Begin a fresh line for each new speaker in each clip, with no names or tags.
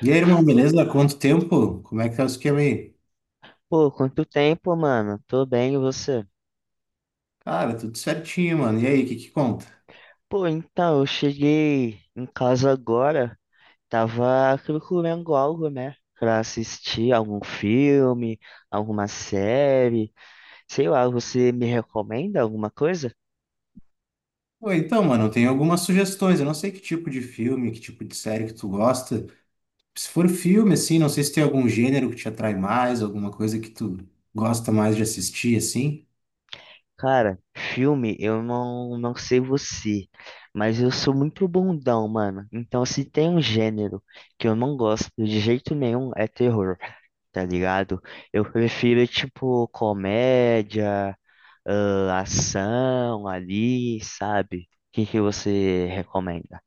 E aí, irmão, beleza? Quanto tempo? Como é que tá o esquema aí?
Pô, quanto tempo, mano? Tô bem, e você?
Cara, tudo certinho, mano. E aí, o que que conta?
Pô, então, eu cheguei em casa agora, tava procurando algo, né? Pra assistir algum filme, alguma série, sei lá, você me recomenda alguma coisa?
Pô, então, mano, eu tenho algumas sugestões. Eu não sei que tipo de filme, que tipo de série que tu gosta. Se for filme, assim, não sei se tem algum gênero que te atrai mais, alguma coisa que tu gosta mais de assistir, assim.
Cara, filme, eu não sei você, mas eu sou muito bundão, mano. Então, se tem um gênero que eu não gosto de jeito nenhum, é terror, tá ligado? Eu prefiro, tipo, comédia. Ah, ação ali, sabe? O que que você recomenda?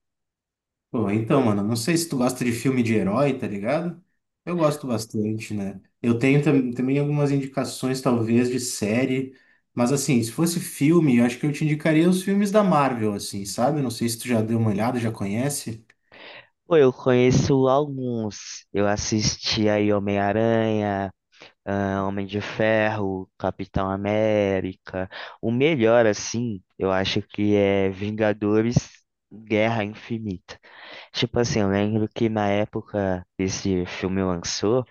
Pô, então, mano, não sei se tu gosta de filme de herói, tá ligado? Eu gosto bastante, né? Eu tenho também algumas indicações, talvez, de série, mas assim, se fosse filme, eu acho que eu te indicaria os filmes da Marvel, assim, sabe? Não sei se tu já deu uma olhada, já conhece.
Pô, eu conheço alguns. Eu assisti aí Homem-Aranha, ah, Homem de Ferro, Capitão América. O melhor, assim, eu acho que é Vingadores Guerra Infinita. Tipo assim, eu lembro que na época que esse filme lançou,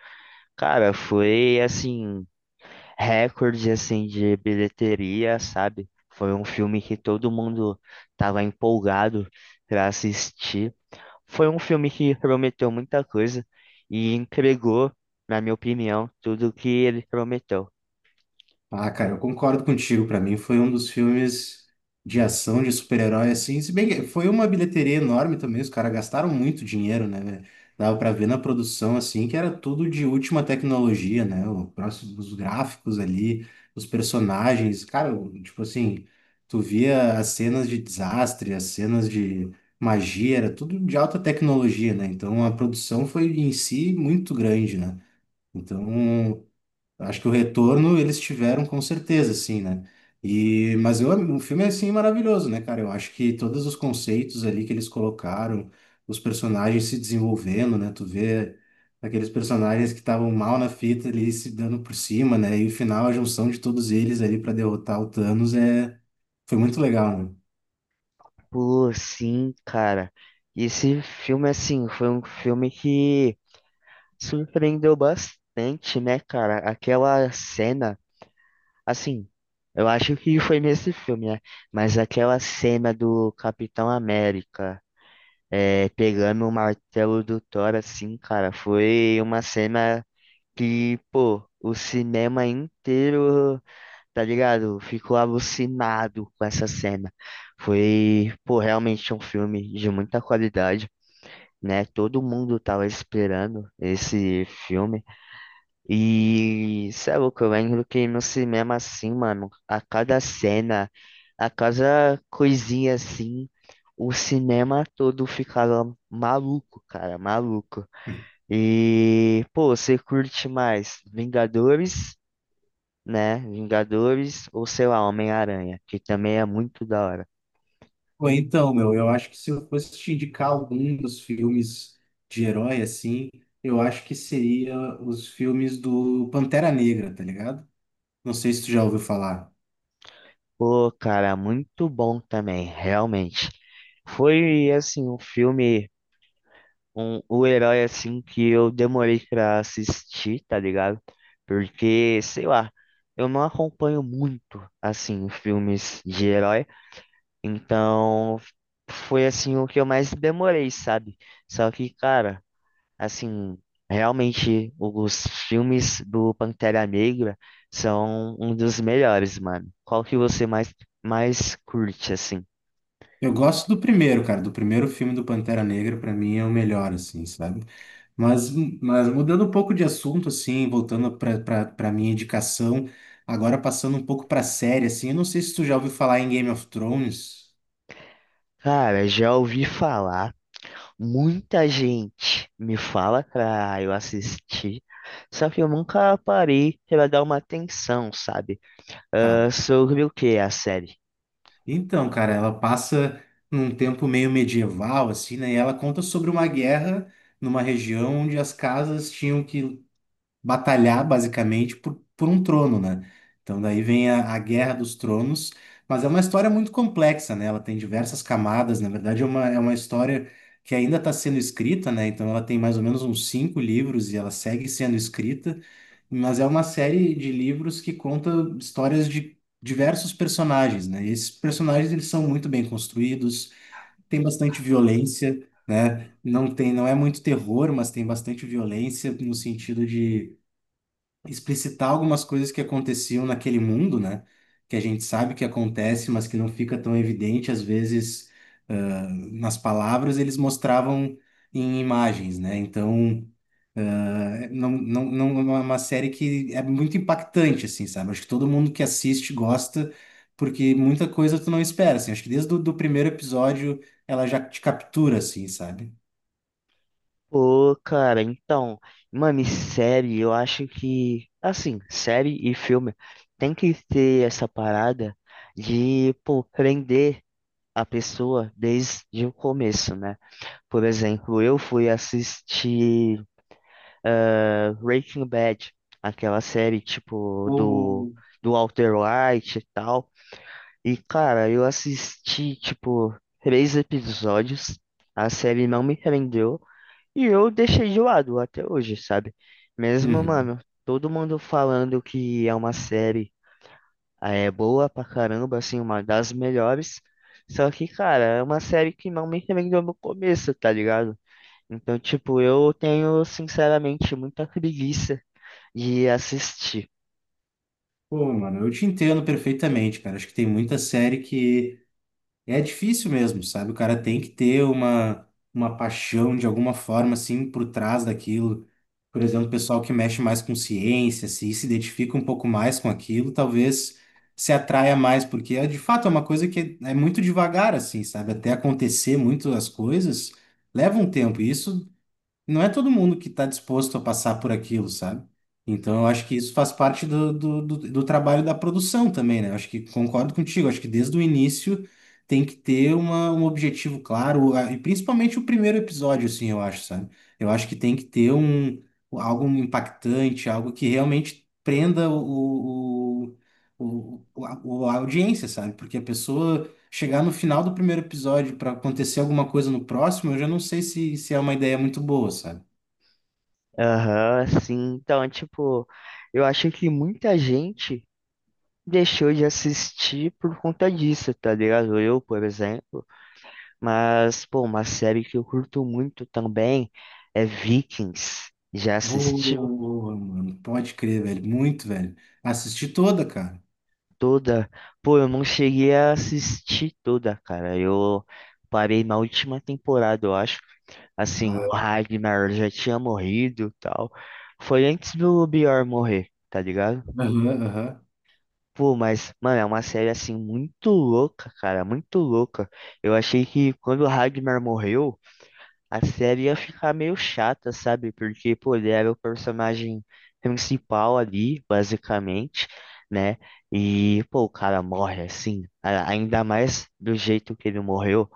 cara, foi assim. Recorde assim de bilheteria, sabe? Foi um filme que todo mundo tava empolgado para assistir. Foi um filme que prometeu muita coisa e entregou, na minha opinião, tudo o que ele prometeu.
Ah, cara, eu concordo contigo. Pra mim foi um dos filmes de ação de super-herói, assim. Se bem que foi uma bilheteria enorme também, os caras gastaram muito dinheiro, né, velho? Dava pra ver na produção, assim, que era tudo de última tecnologia, né? O próximo, os gráficos ali, os personagens. Cara, tipo assim, tu via as cenas de desastre, as cenas de magia, era tudo de alta tecnologia, né? Então a produção foi em si muito grande, né? Então, acho que o retorno eles tiveram com certeza, assim, né? E, mas eu, o filme é, assim, maravilhoso, né, cara? Eu acho que todos os conceitos ali que eles colocaram, os personagens se desenvolvendo, né? Tu vê aqueles personagens que estavam mal na fita ali se dando por cima, né? E o final, a junção de todos eles ali para derrotar o Thanos é... foi muito legal, né?
Pô, sim, cara. Esse filme assim foi um filme que surpreendeu bastante, né, cara? Aquela cena, assim, eu acho que foi nesse filme, né? Mas aquela cena do Capitão América é, pegando o martelo do Thor, assim, cara, foi uma cena que, pô, o cinema inteiro, tá ligado? Ficou alucinado com essa cena. Foi, pô, realmente um filme de muita qualidade, né? Todo mundo tava esperando esse filme. E, sabe o que eu lembro que no cinema, assim, mano, a cada cena. A cada coisinha assim, o cinema todo ficava maluco, cara, maluco. E, pô, você curte mais Vingadores, né? Vingadores ou sei lá, Homem-Aranha, que também é muito da hora.
Pô, então, meu, eu acho que se eu fosse te indicar algum dos filmes de herói, assim, eu acho que seria os filmes do Pantera Negra, tá ligado? Não sei se tu já ouviu falar.
Pô, cara, muito bom também, realmente. Foi assim um filme um, o herói assim que eu demorei pra assistir, tá ligado? Porque, sei lá, eu não acompanho muito assim filmes de herói, então foi assim o que eu mais demorei, sabe? Só que, cara, assim, realmente os filmes do Pantera Negra são um dos melhores, mano. Qual que você mais curte assim?
Eu gosto do primeiro, cara, do primeiro filme do Pantera Negra, pra mim é o melhor, assim, sabe? Mas, mas mudando um pouco de assunto, assim, voltando pra minha indicação, agora passando um pouco pra série, assim, eu não sei se tu já ouviu falar em Game of Thrones.
Cara, já ouvi falar. Muita gente me fala pra eu assistir, só que eu nunca parei pra dar uma atenção, sabe? Ah, sobre o que é a série?
Então, cara, ela passa num tempo meio medieval, assim, né? E ela conta sobre uma guerra numa região onde as casas tinham que batalhar basicamente por um trono, né? Então daí vem a Guerra dos Tronos, mas é uma história muito complexa, né? Ela tem diversas camadas, na verdade é uma história que ainda está sendo escrita, né? Então ela tem mais ou menos uns cinco livros e ela segue sendo escrita, mas é uma série de livros que conta histórias de diversos personagens, né? E esses personagens eles são muito bem construídos, tem bastante violência, né? Não tem, não é muito terror, mas tem bastante violência no sentido de explicitar algumas coisas que aconteciam naquele mundo, né? Que a gente sabe que acontece, mas que não fica tão evidente, às vezes, nas palavras, eles mostravam em imagens, né? Então, não é uma série que é muito impactante, assim, sabe? Acho que todo mundo que assiste gosta, porque muita coisa tu não espera, assim. Acho que desde o do primeiro episódio ela já te captura, assim, sabe?
Pô, cara, então, mano, e série, eu acho que, assim, série e filme tem que ter essa parada de, pô, prender a pessoa desde o começo, né? Por exemplo, eu fui assistir. Ah, Breaking Bad, aquela série tipo
Ou
do Walter White e tal. E cara, eu assisti tipo três episódios, a série não me prendeu e eu deixei de lado até hoje, sabe? Mesmo,
uhum.
mano, todo mundo falando que é uma série ah, é boa pra caramba, assim, uma das melhores. Só que, cara, é uma série que não me prendeu no começo, tá ligado? Então, tipo, eu tenho, sinceramente, muita preguiça e assistir.
Pô, mano, eu te entendo perfeitamente, cara. Acho que tem muita série que é difícil mesmo, sabe? O cara tem que ter uma paixão de alguma forma, assim, por trás daquilo. Por exemplo, o pessoal que mexe mais com ciência, se identifica um pouco mais com aquilo, talvez se atraia mais, porque é, de fato é uma coisa que é muito devagar, assim, sabe? Até acontecer muito as coisas, leva um tempo. E isso não é todo mundo que está disposto a passar por aquilo, sabe? Então, eu acho que isso faz parte do trabalho da produção também, né? Eu acho que concordo contigo. Acho que desde o início tem que ter uma, um objetivo claro, e principalmente o primeiro episódio, assim, eu acho, sabe? Eu acho que tem que ter um, algo impactante, algo que realmente prenda a audiência, sabe? Porque a pessoa chegar no final do primeiro episódio para acontecer alguma coisa no próximo, eu já não sei se, se é uma ideia muito boa, sabe?
Aham, sim, então, é, tipo, eu acho que muita gente deixou de assistir por conta disso, tá ligado? Eu, por exemplo. Mas, pô, uma série que eu curto muito também é Vikings. Já assistiu
Boa, mano. Pode crer, velho. Muito, velho. Assisti toda, cara.
toda? Pô, eu não cheguei a assistir toda, cara. Eu parei na última temporada, eu acho. Assim, o
Ah,
Ragnar já tinha morrido e tal. Foi antes do Bjorn morrer, tá ligado?
aham, aham.
Pô, mas, mano, é uma série assim muito louca, cara, muito louca. Eu achei que quando o Ragnar morreu, a série ia ficar meio chata, sabe? Porque, pô, ele era o personagem principal ali, basicamente, né? E, pô, o cara morre assim, ainda mais do jeito que ele morreu.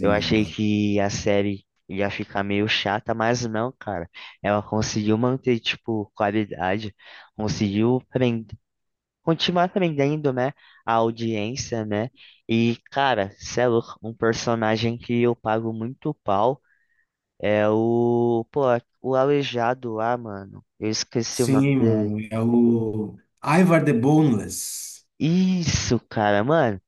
Eu achei
mano.
que a série ia ficar meio chata, mas não, cara. Ela conseguiu manter, tipo, qualidade, conseguiu continuar também dando, né, a audiência, né? E, cara, cê é louco, um personagem que eu pago muito pau é o, pô, o Aleijado lá, mano. Eu esqueci o nome
Sim,
dele.
mano. É o Ivar the Boneless.
Isso, cara, mano.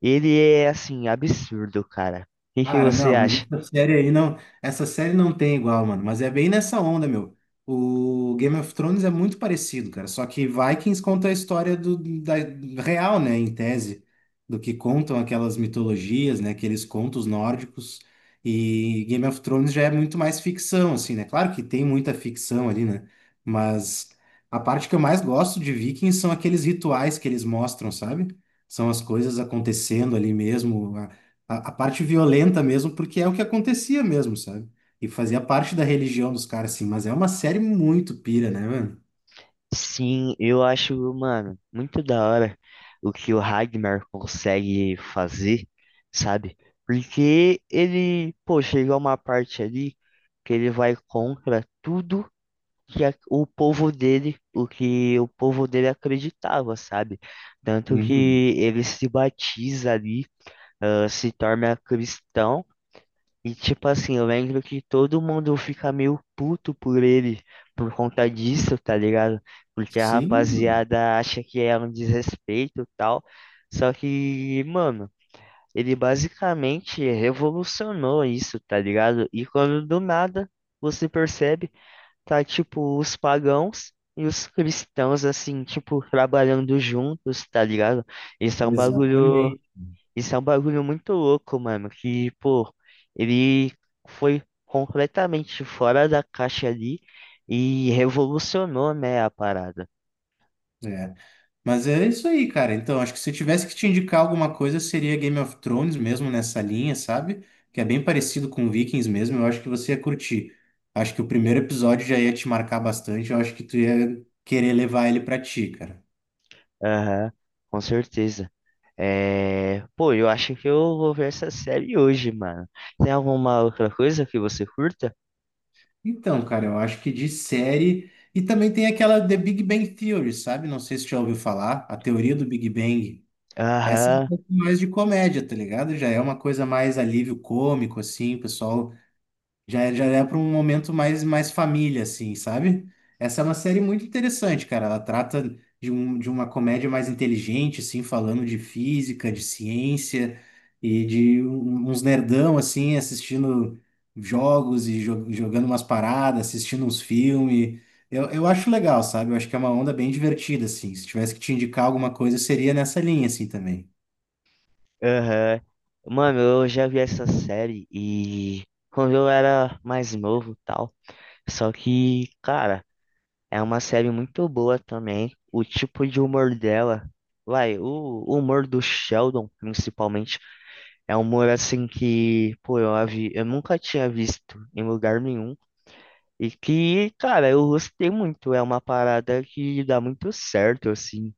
Ele é, assim, absurdo, cara. O que que
Cara,
você
não, mas
acha?
essa série aí não, essa série não tem igual, mano, mas é bem nessa onda, meu. O Game of Thrones é muito parecido, cara, só que Vikings conta a história do, da real, né, em tese, do que contam aquelas mitologias, né, aqueles contos nórdicos, e Game of Thrones já é muito mais ficção, assim, né? Claro que tem muita ficção ali, né? Mas a parte que eu mais gosto de Vikings são aqueles rituais que eles mostram, sabe? São as coisas acontecendo ali mesmo, a parte violenta mesmo, porque é o que acontecia mesmo, sabe? E fazia parte da religião dos caras, assim, mas é uma série muito pira, né, mano?
Sim, eu acho, mano, muito da hora o que o Ragnar consegue fazer, sabe? Porque ele, pô, chega uma parte ali que ele vai contra tudo que o povo dele, o que o povo dele acreditava, sabe? Tanto
Uhum.
que ele se batiza ali, ah, se torna cristão. E tipo assim, eu lembro que todo mundo fica meio puto por ele por conta disso, tá ligado? Porque a
Sim,
rapaziada acha que é um desrespeito e tal. Só que, mano, ele basicamente revolucionou isso, tá ligado? E quando do nada você percebe, tá tipo os pagãos e os cristãos assim, tipo, trabalhando juntos, tá ligado? Isso é um bagulho
exatamente.
isso é um bagulho muito louco, mano. Que, pô, ele foi completamente fora da caixa ali e revolucionou, né, a parada.
É. Mas é isso aí, cara. Então, acho que se eu tivesse que te indicar alguma coisa, seria Game of Thrones mesmo nessa linha, sabe? Que é bem parecido com Vikings mesmo. Eu acho que você ia curtir. Acho que o primeiro episódio já ia te marcar bastante. Eu acho que tu ia querer levar ele pra ti, cara.
Aham, com certeza. É... Pô, eu acho que eu vou ver essa série hoje, mano. Tem alguma outra coisa que você curta?
Então, cara, eu acho que de série. E também tem aquela The Big Bang Theory, sabe? Não sei se já ouviu falar, a teoria do Big Bang. Essa é um
Aham,
pouco mais de comédia, tá ligado? Já é uma coisa mais alívio cômico, assim, o pessoal já, já é para um momento mais, mais família, assim, sabe? Essa é uma série muito interessante, cara. Ela trata de, um, de uma comédia mais inteligente, assim, falando de física, de ciência e de uns nerdão, assim, assistindo jogos e jogando umas paradas, assistindo uns filmes. Eu acho legal, sabe? Eu acho que é uma onda bem divertida, assim. Se tivesse que te indicar alguma coisa, seria nessa linha, assim, também.
aham. Mano, eu já vi essa série e quando eu era mais novo e tal. Só que, cara. É uma série muito boa também. O tipo de humor dela, vai, o humor do Sheldon, principalmente, é um humor assim que, pô, eu, eu nunca tinha visto em lugar nenhum. E que, cara, eu gostei muito. É uma parada que dá muito certo, assim.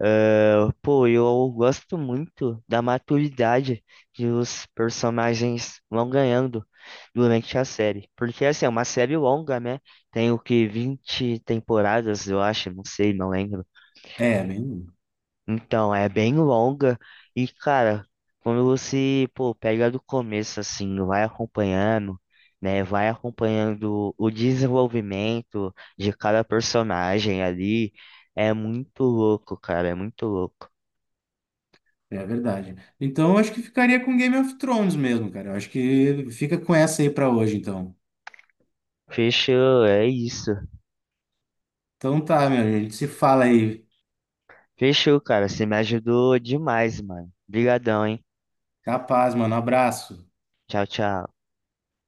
Ah, pô, eu gosto muito da maturidade que os personagens vão ganhando durante a série. Porque, assim, é uma série longa, né? Tem o que, 20 temporadas, eu acho, não sei, não lembro.
É, bem.
Então, é bem longa. E, cara, quando você, pô, pega do começo, assim, vai acompanhando, né? Vai acompanhando o desenvolvimento de cada personagem ali. É muito louco, cara, é muito louco.
É verdade. Então, eu acho que ficaria com Game of Thrones mesmo, cara. Eu acho que fica com essa aí pra hoje, então.
Fechou, é isso.
Então tá, meu, a gente se fala aí.
Fechou, cara. Você me ajudou demais, mano. Obrigadão, hein?
Capaz, mano. Abraço.
Tchau, tchau.